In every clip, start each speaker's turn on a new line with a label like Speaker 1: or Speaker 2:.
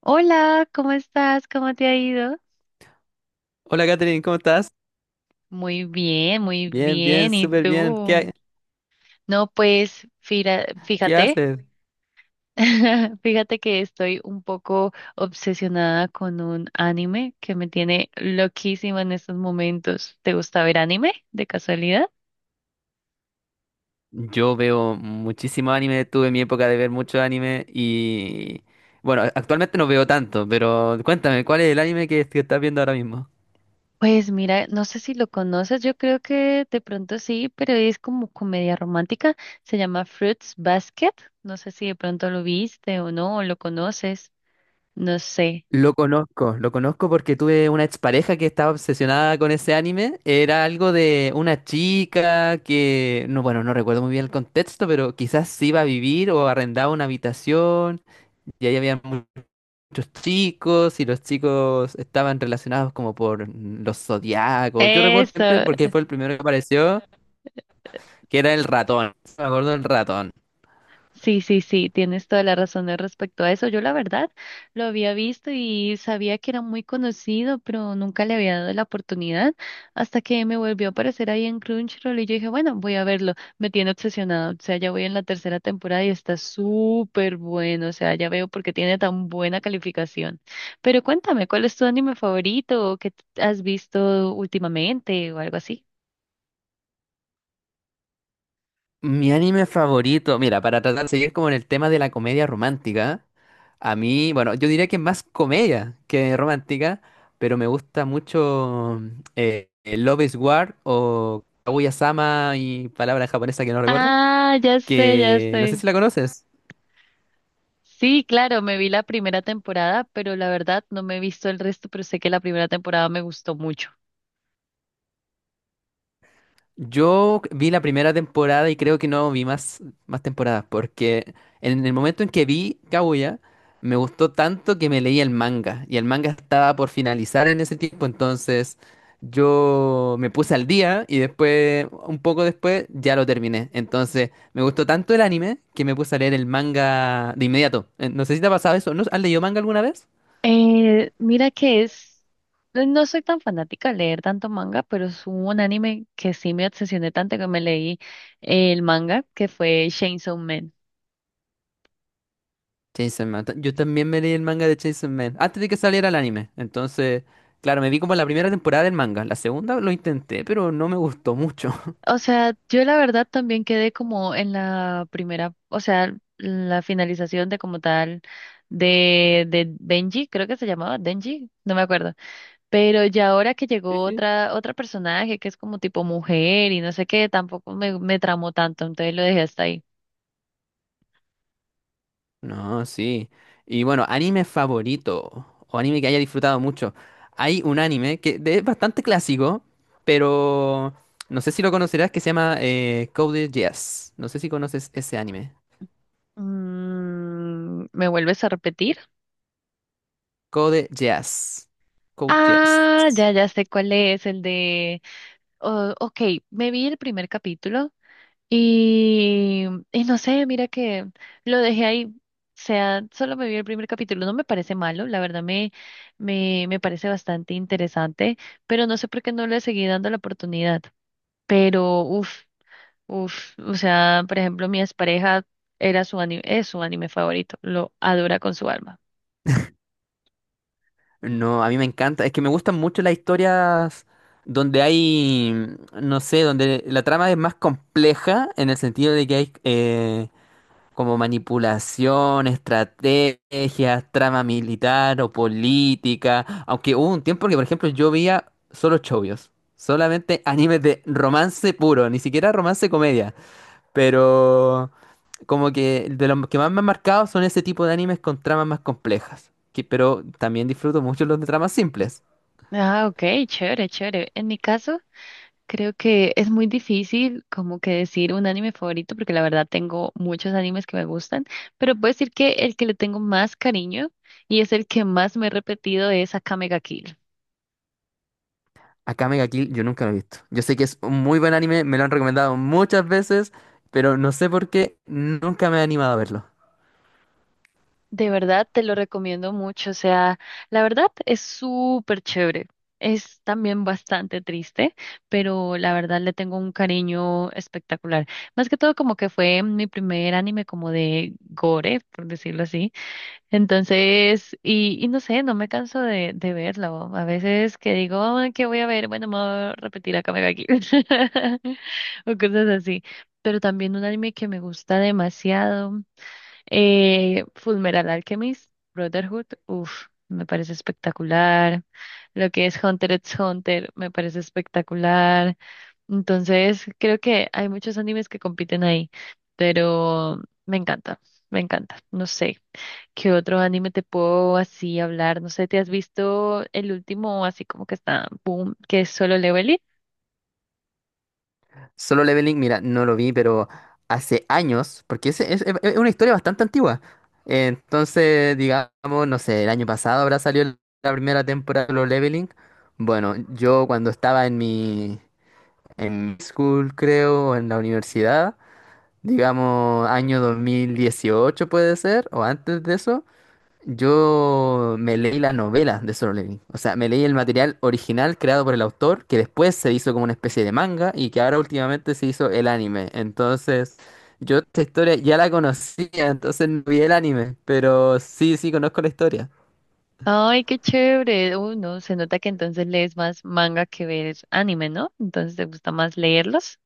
Speaker 1: Hola, ¿cómo estás? ¿Cómo te ha ido?
Speaker 2: Hola Katherine, ¿cómo estás?
Speaker 1: Muy bien, muy
Speaker 2: Bien, bien,
Speaker 1: bien. ¿Y
Speaker 2: súper bien. ¿Qué,
Speaker 1: tú?
Speaker 2: ha-
Speaker 1: No, pues
Speaker 2: qué
Speaker 1: fíjate,
Speaker 2: haces?
Speaker 1: fíjate que estoy un poco obsesionada con un anime que me tiene loquísima en estos momentos. ¿Te gusta ver anime de casualidad?
Speaker 2: Yo veo muchísimo anime, tuve mi época de ver mucho anime y bueno, actualmente no veo tanto, pero cuéntame, ¿cuál es el anime que estás viendo ahora mismo?
Speaker 1: Pues mira, no sé si lo conoces, yo creo que de pronto sí, pero es como comedia romántica. Se llama Fruits Basket. No sé si de pronto lo viste o no, o lo conoces. No sé.
Speaker 2: Lo conozco porque tuve una expareja que estaba obsesionada con ese anime. Era algo de una chica que, no, bueno, no recuerdo muy bien el contexto, pero quizás se iba a vivir o arrendaba una habitación y ahí había muchos chicos y los chicos estaban relacionados como por los zodiacos. Yo recuerdo
Speaker 1: Eso,
Speaker 2: siempre porque fue el primero que apareció, que era el ratón. Me acuerdo del ratón.
Speaker 1: sí, sí, sí, tienes toda la razón al respecto a eso. Yo la verdad lo había visto y sabía que era muy conocido, pero nunca le había dado la oportunidad hasta que me volvió a aparecer ahí en Crunchyroll y yo dije, bueno, voy a verlo. Me tiene obsesionado, o sea, ya voy en la tercera temporada y está súper bueno, o sea, ya veo por qué tiene tan buena calificación. Pero cuéntame, ¿cuál es tu anime favorito o qué has visto últimamente o algo así?
Speaker 2: Mi anime favorito, mira, para tratar de seguir como en el tema de la comedia romántica, a mí, bueno, yo diría que más comedia que romántica, pero me gusta mucho Love is War o Kaguya-sama y palabra japonesa que no recuerdo,
Speaker 1: Ah, ya sé, ya
Speaker 2: que no sé
Speaker 1: sé.
Speaker 2: si la conoces.
Speaker 1: Sí, claro, me vi la primera temporada, pero la verdad no me he visto el resto, pero sé que la primera temporada me gustó mucho.
Speaker 2: Yo vi la primera temporada y creo que no vi más temporadas, porque en el momento en que vi Kaguya, me gustó tanto que me leí el manga, y el manga estaba por finalizar en ese tiempo, entonces yo me puse al día y después, un poco después, ya lo terminé. Entonces me gustó tanto el anime que me puse a leer el manga de inmediato. No sé si te ha pasado eso, ¿no? ¿Has leído manga alguna vez?
Speaker 1: Mira que es, no soy tan fanática de leer tanto manga, pero es un anime que sí me obsesioné tanto que me leí el manga, que fue Chainsaw Man.
Speaker 2: Chainsaw Man. Yo también me leí el manga de Chainsaw Man antes de que saliera el anime. Entonces, claro, me vi como la primera temporada del manga. La segunda lo intenté, pero no me gustó mucho.
Speaker 1: O sea, yo la verdad también quedé como en la primera, o sea, la finalización de como tal de Denji, creo que se llamaba Denji, no me acuerdo. Pero ya ahora que
Speaker 2: Sí,
Speaker 1: llegó
Speaker 2: sí.
Speaker 1: otra, otra personaje que es como tipo mujer y no sé qué, tampoco me tramó tanto, entonces lo dejé hasta ahí.
Speaker 2: No, sí. Y bueno, anime favorito o anime que haya disfrutado mucho. Hay un anime que es bastante clásico, pero no sé si lo conocerás, que se llama Code Geass. No sé si conoces ese anime.
Speaker 1: Mm, ¿me vuelves a repetir?
Speaker 2: Code Geass. Code Geass.
Speaker 1: Ah, ya, ya sé cuál es, el de... Oh, ok, me vi el primer capítulo y, y no sé, mira que lo dejé ahí. O sea, solo me vi el primer capítulo, no me parece malo, la verdad me parece bastante interesante, pero no sé por qué no le seguí dando la oportunidad. Pero, uff. Uf, o sea, por ejemplo, mi expareja era su anime, es su anime favorito, lo adora con su alma.
Speaker 2: No, a mí me encanta. Es que me gustan mucho las historias donde hay, no sé, donde la trama es más compleja en el sentido de que hay como manipulación, estrategias, trama militar o política. Aunque hubo un tiempo que, por ejemplo, yo veía solo chovios, solamente animes de romance puro, ni siquiera romance comedia. Pero como que de los que más me han marcado son ese tipo de animes con tramas más complejas. Que, pero también disfruto mucho los de tramas simples.
Speaker 1: Ah, ok, chévere, chévere. En mi caso, creo que es muy difícil como que decir un anime favorito, porque la verdad tengo muchos animes que me gustan, pero puedo decir que el que le tengo más cariño y es el que más me he repetido es Akame ga Kill.
Speaker 2: Akame ga Kill yo nunca lo he visto. Yo sé que es un muy buen anime, me lo han recomendado muchas veces, pero no sé por qué nunca me he animado a verlo.
Speaker 1: De verdad, te lo recomiendo mucho. O sea, la verdad es súper chévere. Es también bastante triste, pero la verdad le tengo un cariño espectacular. Más que todo como que fue mi primer anime como de gore, por decirlo así. Entonces, y no sé, no me canso de verlo. A veces que digo, "Ah, ¿qué voy a ver? Bueno, me voy a repetir acá, me aquí." O cosas así. Pero también un anime que me gusta demasiado. Fullmetal Alchemist, Brotherhood, uff, me parece espectacular. Lo que es Hunter x Hunter, me parece espectacular. Entonces, creo que hay muchos animes que compiten ahí, pero me encanta, me encanta. No sé, ¿qué otro anime te puedo así hablar? No sé, ¿te has visto el último así como que está, boom, que es Solo Leveling?
Speaker 2: Solo Leveling, mira, no lo vi, pero hace años, porque es una historia bastante antigua. Entonces, digamos, no sé, el año pasado habrá salido la primera temporada de Solo Leveling. Bueno, yo cuando estaba en school, creo, en la universidad, digamos año 2018 puede ser, o antes de eso, yo me leí la novela de Solo Leveling. O sea, me leí el material original creado por el autor, que después se hizo como una especie de manga y que ahora últimamente se hizo el anime. Entonces, yo esta historia ya la conocía, entonces no vi el anime, pero sí, sí, conozco la historia.
Speaker 1: Ay, qué chévere. Uy, no, se nota que entonces lees más manga que ves anime, ¿no? Entonces te gusta más leerlos.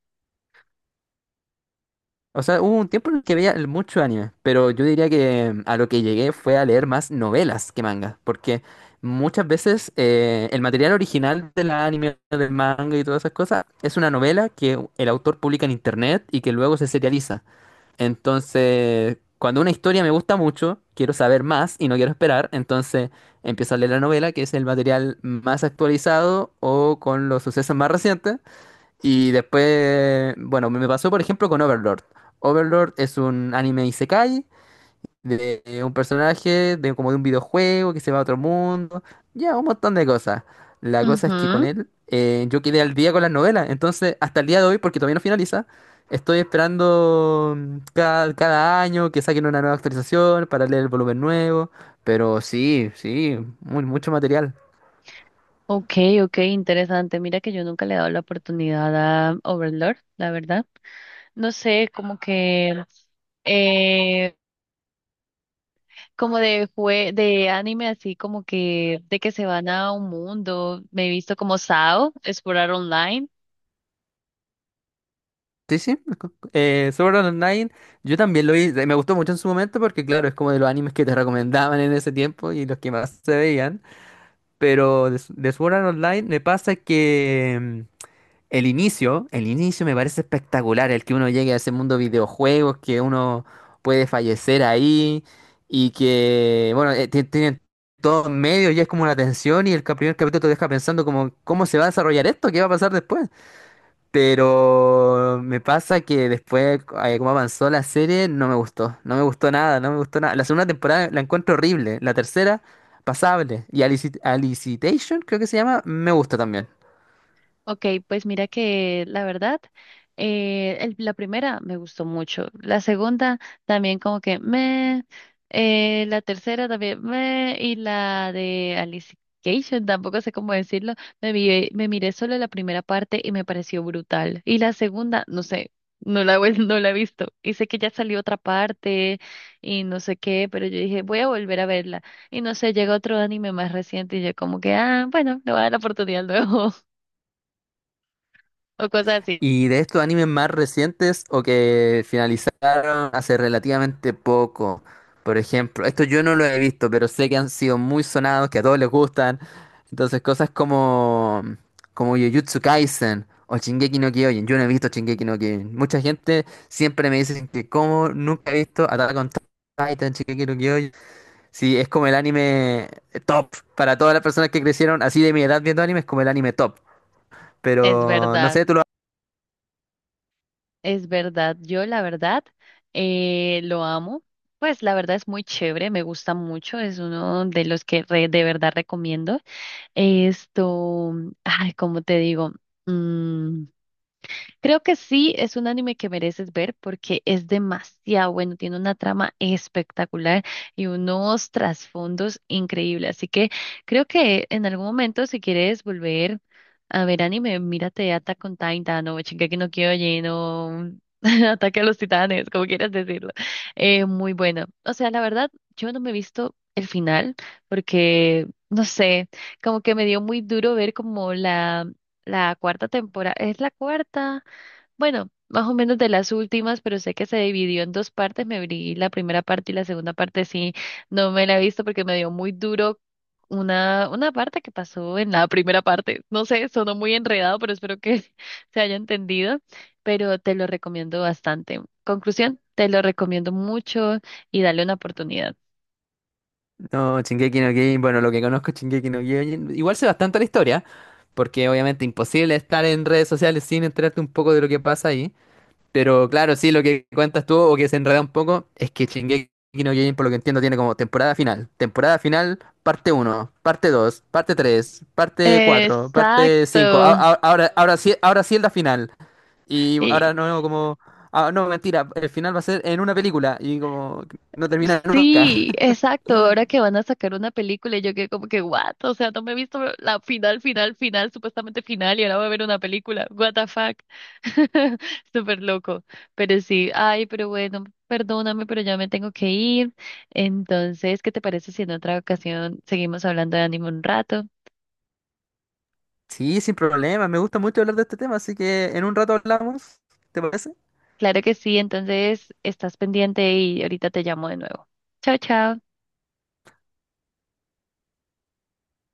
Speaker 2: O sea, hubo un tiempo en el que veía mucho anime, pero yo diría que a lo que llegué fue a leer más novelas que mangas, porque muchas veces el material original del anime, del manga y todas esas cosas es una novela que el autor publica en internet y que luego se serializa. Entonces, cuando una historia me gusta mucho, quiero saber más y no quiero esperar, entonces empiezo a leer la novela, que es el material más actualizado o con los sucesos más recientes. Y después, bueno, me pasó por ejemplo con Overlord. Overlord es un anime isekai de un personaje de como de un videojuego que se va a otro mundo, ya un montón de cosas. La cosa es que con
Speaker 1: Ujú.
Speaker 2: él yo quedé al día con las novelas, entonces hasta el día de hoy, porque todavía no finaliza, estoy esperando cada año que saquen una nueva actualización para leer el volumen nuevo, pero sí, sí, muy, mucho material.
Speaker 1: Ok, ok, interesante. Mira que yo nunca le he dado la oportunidad a Overlord, la verdad. No sé, como que, eh, como de jue de anime así, como que de que se van a un mundo. Me he visto como Sao, explorar online.
Speaker 2: Sí, sí, Sword Art Online, yo también lo vi, me gustó mucho en su momento porque claro, es como de los animes que te recomendaban en ese tiempo y los que más se veían, pero de Sword Art Online me pasa que el inicio me parece espectacular, el que uno llegue a ese mundo de videojuegos, que uno puede fallecer ahí y que, bueno, tienen todo en medio y es como una tensión y el primer capítulo te deja pensando como, ¿cómo se va a desarrollar esto? ¿Qué va a pasar después? Pero me pasa que después, como avanzó la serie, no me gustó. No me gustó nada, no me gustó nada. La segunda temporada la encuentro horrible. La tercera, pasable. Y Alicitation, creo que se llama, me gusta también.
Speaker 1: Ok, pues mira que la verdad, el- la primera me gustó mucho, la segunda también como que la tercera también me, y la de Alicia tampoco sé cómo decirlo, me, vi- me miré solo la primera parte y me pareció brutal, y la segunda, no sé, no la, he vuel- no la he visto, y sé que ya salió otra parte y no sé qué, pero yo dije, voy a volver a verla, y no sé, llega otro anime más reciente y yo como que, ah, bueno, le voy a dar la oportunidad luego. O cosas.
Speaker 2: Y de estos animes más recientes o que finalizaron hace relativamente poco, por ejemplo, esto yo no lo he visto, pero sé que han sido muy sonados, que a todos les gustan. Entonces, cosas como, como Jujutsu Kaisen o Shingeki no Kyojin. Yo no he visto Shingeki no Kyojin. Mucha gente siempre me dice que como nunca he visto Attack on Titan, Shingeki no Kyojin. Sí, es como el anime top para todas las personas que crecieron así de mi edad viendo anime, es como el anime top.
Speaker 1: Es
Speaker 2: Pero no
Speaker 1: verdad,
Speaker 2: sé, ¿tú lo?
Speaker 1: es verdad. Yo la verdad lo amo. Pues la verdad es muy chévere, me gusta mucho, es uno de los que re- de verdad recomiendo. Esto, ay, ¿cómo te digo? Mm, creo que sí, es un anime que mereces ver porque es demasiado bueno, tiene una trama espectacular y unos trasfondos increíbles. Así que creo que en algún momento, si quieres volver a ver anime, mírate Attack on Titan o Shingeki no Kyojin o Ataque a los Titanes, como quieras decirlo. Muy bueno. O sea, la verdad, yo no me he visto el final porque, no sé, como que me dio muy duro ver como la... La cuarta temporada, es la cuarta, bueno, más o menos de las últimas, pero sé que se dividió en dos partes. Me vi la primera parte y la segunda parte sí, no me la he visto porque me dio muy duro una parte que pasó en la primera parte. No sé, sonó muy enredado, pero espero que se haya entendido. Pero te lo recomiendo bastante. Conclusión, te lo recomiendo mucho y dale una oportunidad.
Speaker 2: No, Shingeki no Kyojin, bueno, lo que conozco es Shingeki no Kyojin, igual sé bastante la historia, porque obviamente imposible estar en redes sociales sin enterarte un poco de lo que pasa ahí, pero claro, sí, lo que cuentas tú o que se enreda un poco es que Shingeki no Kyojin, por lo que entiendo, tiene como temporada final, parte uno, parte dos, parte tres, parte cuatro, parte 5,
Speaker 1: Exacto.
Speaker 2: ahora, ahora sí es la final, y
Speaker 1: Y
Speaker 2: ahora no, como, ah, no, mentira, el final va a ser en una película, y como, no termina nunca.
Speaker 1: sí, exacto. Ahora que van a sacar una película, y yo quedé como que, what? O sea, no me he visto la final, final, final, supuestamente final, y ahora voy a ver una película. What the fuck. Súper loco. Pero sí, ay, pero bueno, perdóname, pero ya me tengo que ir. Entonces, ¿qué te parece si en otra ocasión seguimos hablando de anime un rato?
Speaker 2: Sí, sin problema. Me gusta mucho hablar de este tema, así que en un rato hablamos. ¿Te parece?
Speaker 1: Claro que sí, entonces estás pendiente y ahorita te llamo de nuevo. Chao, chao.